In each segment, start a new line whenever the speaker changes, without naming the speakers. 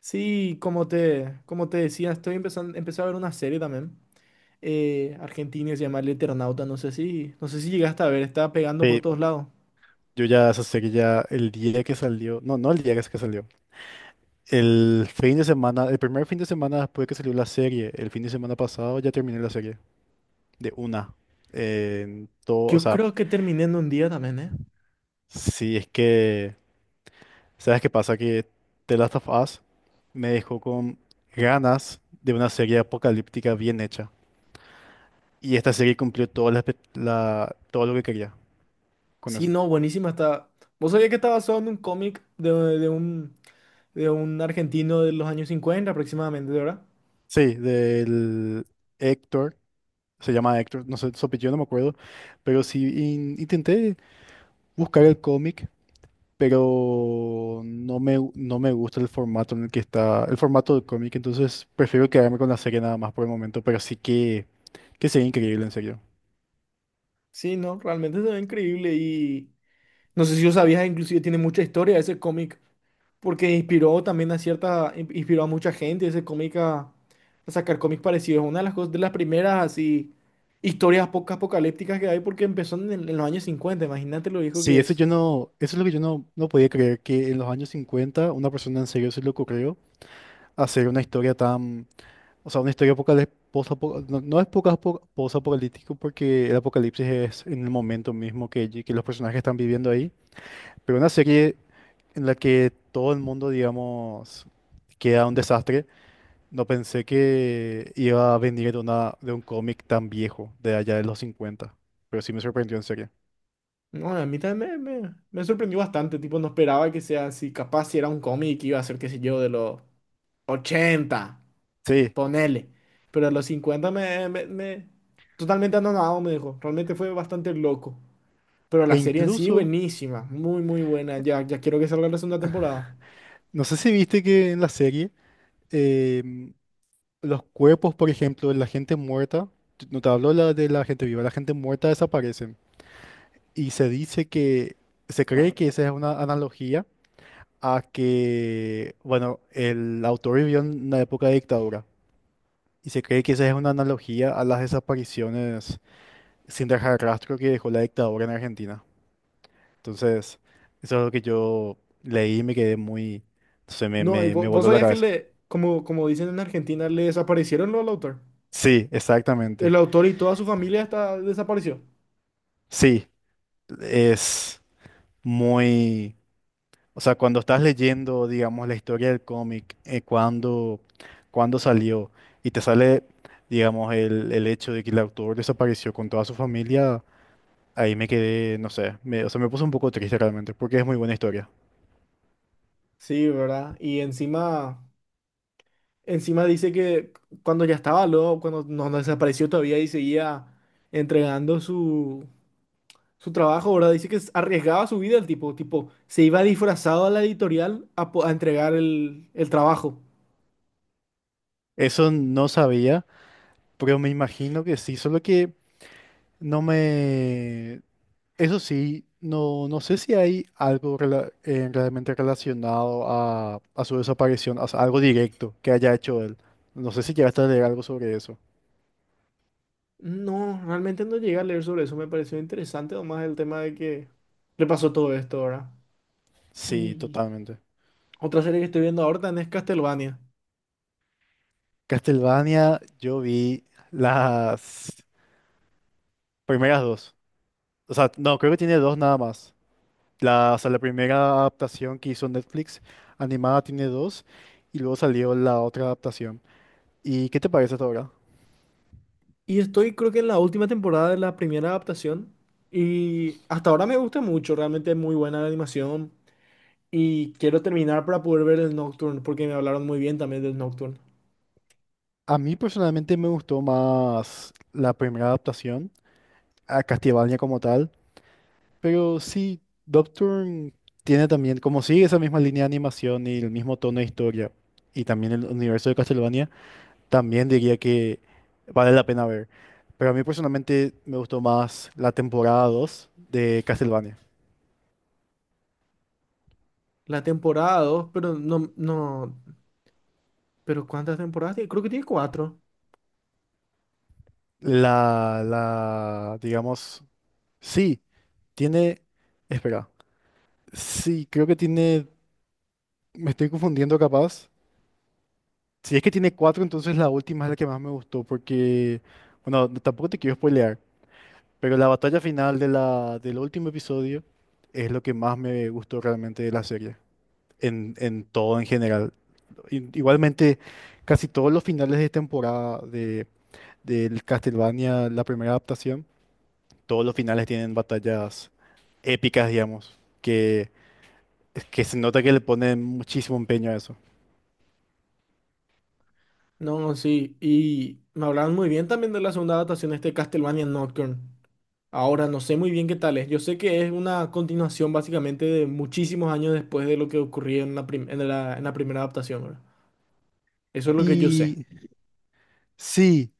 Sí, como te decía, empecé a ver una serie también. Argentina, se llama El Eternauta. No sé si llegaste a ver, está pegando por
Sí,
todos lados.
yo ya sé que ya el día que salió, no, no el día que salió, el fin de semana, el primer fin de semana después que salió la serie, el fin de semana pasado ya terminé la serie de una. En todo, o
Yo
sea,
creo que terminé en un día también, ¿eh?
si es que, ¿sabes qué pasa? Que The Last of Us me dejó con ganas de una serie apocalíptica bien hecha. Y esta serie cumplió todo, todo lo que quería con
Sí,
eso.
no, buenísima está. ¿Vos sabías que está basado en un cómic de un, de un argentino de los años 50 aproximadamente, verdad?
Sí, del Héctor. Se llama Hector, no sé, Sopelló, no me acuerdo, pero sí intenté buscar el cómic, pero no me gusta el formato en el que está, el formato del cómic, entonces prefiero quedarme con la serie nada más por el momento, pero sí que sería increíble, en serio.
Sí, no, realmente se ve increíble y no sé si lo sabías, inclusive tiene mucha historia ese cómic. Porque inspiró también a inspiró a mucha gente ese cómic a sacar cómics parecidos. Una de las cosas, de las primeras así historias poco apocalípticas que hay, porque empezó en los años cincuenta, imagínate lo viejo
Sí,
que es.
eso es lo que yo no, no podía creer, que en los años 50 una persona en serio se le ocurrió hacer una historia tan, o sea, una historia apocalíptica, no, no es post-apocalíptico porque el apocalipsis es en el momento mismo que los personajes están viviendo ahí. Pero una serie en la que todo el mundo, digamos, queda un desastre. No pensé que iba a venir de una, de un cómic tan viejo, de allá de los 50. Pero sí me sorprendió en serio.
No, a mí también me sorprendió bastante, tipo no esperaba que sea así, capaz si era un cómic iba a ser, qué sé yo, de los ochenta,
Sí.
ponele. Pero a los 50 me totalmente anonadado me dejó, realmente fue bastante loco. Pero
E
la serie en sí,
incluso,
buenísima, muy, muy buena. Ya quiero que salga la segunda temporada.
no sé si viste que en la serie, em, los cuerpos, por ejemplo, de la gente muerta, no te hablo la de la gente viva, la gente muerta desaparecen. Y se cree que esa es una analogía a que, bueno, el autor vivió en una época de dictadura y se cree que esa es una analogía a las desapariciones sin dejar rastro que dejó la dictadura en Argentina. Entonces, eso es lo que yo leí y me quedé muy, no sé,
No, y vos,
me
vos
voló la
sabías que
cabeza.
le, como, como dicen en Argentina, le desaparecieron lo al autor.
Sí,
El
exactamente.
autor y toda su familia está, desapareció.
Sí, es muy... O sea, cuando estás leyendo, digamos, la historia del cómic, cuando salió y te sale, digamos, el hecho de que el autor desapareció con toda su familia, ahí me quedé, no sé, o sea, me puse un poco triste realmente, porque es muy buena historia.
Sí, ¿verdad? Y encima, encima dice que cuando ya estaba loco, cuando no desapareció todavía y seguía entregando su trabajo, ¿verdad? Dice que arriesgaba su vida el tipo, tipo, se iba disfrazado a la editorial a entregar el trabajo.
Eso no sabía, pero me imagino que sí, solo que no me, eso sí, no, no sé si hay algo realmente relacionado a su desaparición, o sea, algo directo que haya hecho él. No sé si llegaste a leer algo sobre eso.
No, realmente no llegué a leer sobre eso. Me pareció interesante nomás el tema de que le pasó todo esto ahora.
Sí,
Y
totalmente.
otra serie que estoy viendo ahora también es Castlevania.
Castlevania, yo vi las primeras dos. O sea, no, creo que tiene dos nada más. La, o sea, la primera adaptación que hizo Netflix animada tiene dos y luego salió la otra adaptación. ¿Y qué te parece hasta ahora?
Y estoy, creo que en la última temporada de la primera adaptación. Y hasta ahora me gusta mucho, realmente es muy buena la animación. Y quiero terminar para poder ver el Nocturne, porque me hablaron muy bien también del Nocturne.
A mí personalmente me gustó más la primera adaptación a Castlevania como tal, pero sí, Nocturne tiene también, como sigue esa misma línea de animación y el mismo tono de historia, y también el universo de Castlevania, también diría que vale la pena ver. Pero a mí personalmente me gustó más la temporada dos de Castlevania.
La temporada 2, pero no, no. ¿Pero cuántas temporadas tiene? Creo que tiene cuatro.
Digamos, sí, tiene, espera, sí, creo que tiene, me estoy confundiendo capaz, si es que tiene cuatro, entonces la última es la que más me gustó, porque, bueno, no- tampoco te quiero spoilear, pero la batalla final de del último episodio es lo que más me gustó realmente de la serie, en todo en general. Igualmente, casi todos los finales de temporada del Castlevania, la primera adaptación, todos los finales tienen batallas épicas, digamos, que se nota que le ponen muchísimo empeño a eso.
No, no, sí. Y me hablaron muy bien también de la segunda adaptación de este Castlevania Nocturne. Ahora no sé muy bien qué tal es. Yo sé que es una continuación básicamente de muchísimos años después de lo que ocurrió en en en la primera adaptación, ¿verdad? Eso es lo que yo sé.
Y sí.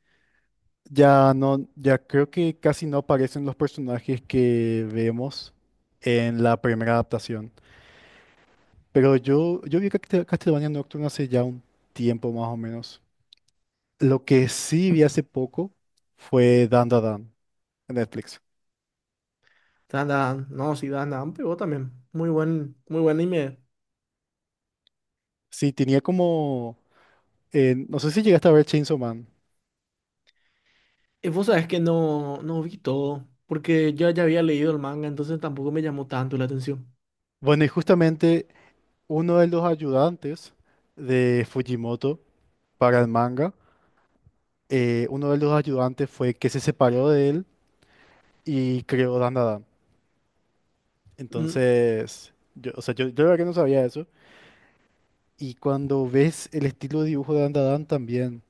Ya no, ya creo que casi no aparecen los personajes que vemos en la primera adaptación. Pero yo vi Castlevania Nocturne hace ya un tiempo más o menos. Lo que sí vi hace poco fue Dandadan en Netflix.
Dan, Dan, no, sí, Dan, Dan pegó también. Muy buen anime.
Sí, tenía como, no sé si llegaste a ver Chainsaw Man.
Y vos sabés que no, no vi todo, porque yo ya había leído el manga, entonces tampoco me llamó tanto la atención.
Bueno, y justamente uno de los ayudantes de Fujimoto para el manga, uno de los ayudantes fue que se separó de él y creó Dandadan.
Mm.
Entonces, yo, o sea, yo la verdad que no sabía eso. Y cuando ves el estilo de dibujo de Dandadan también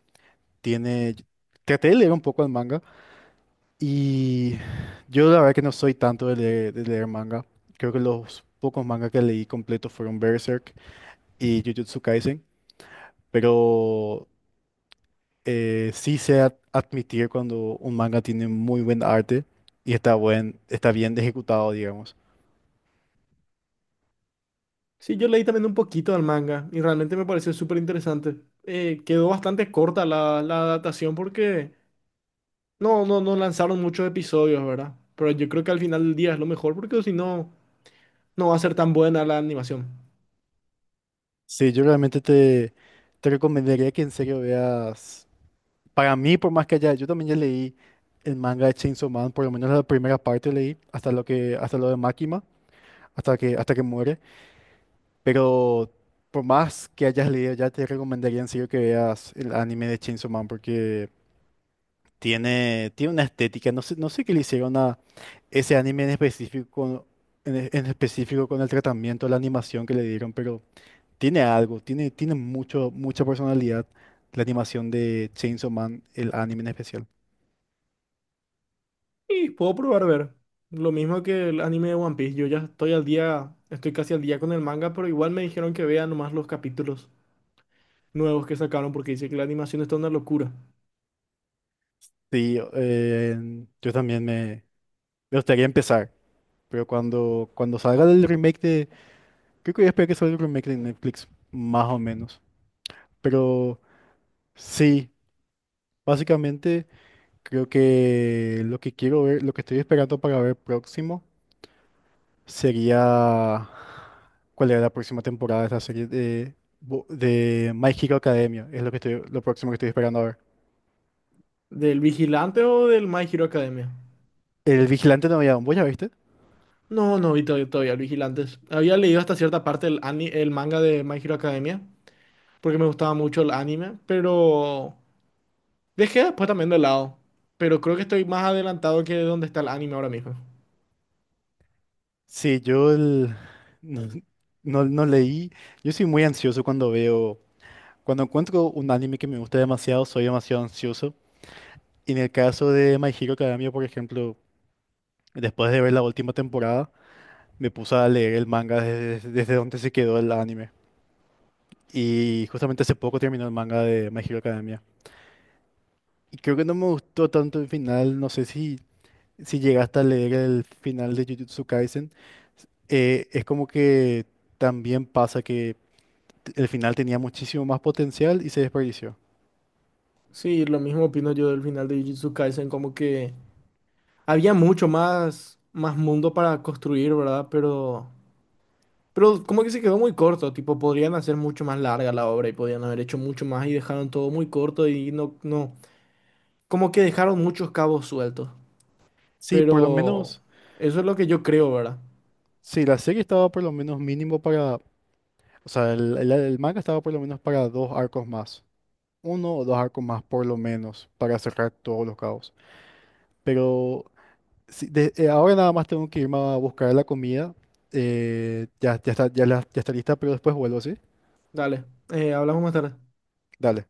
tiene... Traté de leer un poco el manga y yo la verdad que no soy tanto de leer manga. Creo que los pocos mangas que leí completos fueron Berserk y Jujutsu Kaisen. Pero sí sé admitir cuando un manga tiene muy buen arte y está, buen, está bien ejecutado, digamos.
Sí, yo leí también un poquito del manga y realmente me pareció súper interesante. Quedó bastante corta la adaptación porque no lanzaron muchos episodios, ¿verdad? Pero yo creo que al final del día es lo mejor, porque si no, no va a ser tan buena la animación.
Sí, yo realmente te recomendaría que en serio veas. Para mí, por más que haya, yo también ya leí el manga de Chainsaw Man, por lo menos la primera parte leí, hasta lo hasta lo de Makima, hasta hasta que muere. Pero por más que hayas leído, ya te recomendaría en serio que veas el anime de Chainsaw Man, porque tiene, tiene una estética. No sé, no sé qué le hicieron a ese anime en específico, en específico con el tratamiento, la animación que le dieron, pero tiene algo, tiene mucho, mucha personalidad la animación de Chainsaw Man, el anime en especial.
Y puedo probar a ver. Lo mismo que el anime de One Piece. Yo ya estoy al día, estoy casi al día con el manga, pero igual me dijeron que vea nomás los capítulos nuevos que sacaron, porque dice que la animación está una locura.
Sí, yo también me gustaría empezar, pero cuando salga el remake de... Creo que voy a esperar que salga el remake de Netflix, más o menos. Pero sí, básicamente creo que lo que quiero ver, lo que estoy esperando para ver próximo sería... ¿Cuál era la próxima temporada de esta serie de My Hero Academia? Es lo que estoy, lo próximo que estoy esperando a ver.
¿Del Vigilante o del My Hero Academia?
El Vigilante Novedad, ¿vos ya viste?
No, no vi todavía, todavía Los Vigilantes. Había leído hasta cierta parte el manga de My Hero Academia, porque me gustaba mucho el anime, pero dejé después también de lado. Pero creo que estoy más adelantado que donde está el anime ahora mismo.
Sí, no, no, no leí. Yo soy muy ansioso cuando veo, cuando encuentro un anime que me gusta demasiado, soy demasiado ansioso. Y en el caso de My Hero Academia, por ejemplo, después de ver la última temporada, me puse a leer el manga desde donde se quedó el anime. Y justamente hace poco terminó el manga de My Hero Academia. Y creo que no me gustó tanto el final, no sé si, si llegaste a leer el final de Jujutsu Kaisen. Es como que también pasa el final tenía muchísimo más potencial y se desperdició.
Sí, lo mismo opino yo del final de Jujutsu Kaisen, como que había mucho más, más mundo para construir, ¿verdad? Pero como que se quedó muy corto, tipo, podrían hacer mucho más larga la obra y podían haber hecho mucho más y dejaron todo muy corto y no, no, como que dejaron muchos cabos sueltos.
Sí, por lo
Pero
menos,
eso es lo que yo creo, ¿verdad?
sí, la serie estaba por lo menos mínimo para, o sea, el manga estaba por lo menos para dos arcos más, uno o dos arcos más por lo menos, para cerrar todos los cabos. Pero sí, de- ahora nada más tengo que irme a buscar la comida, ya, ya está, ya, la- ya está lista, pero después vuelvo, ¿sí?
Dale, hablamos más tarde.
Dale.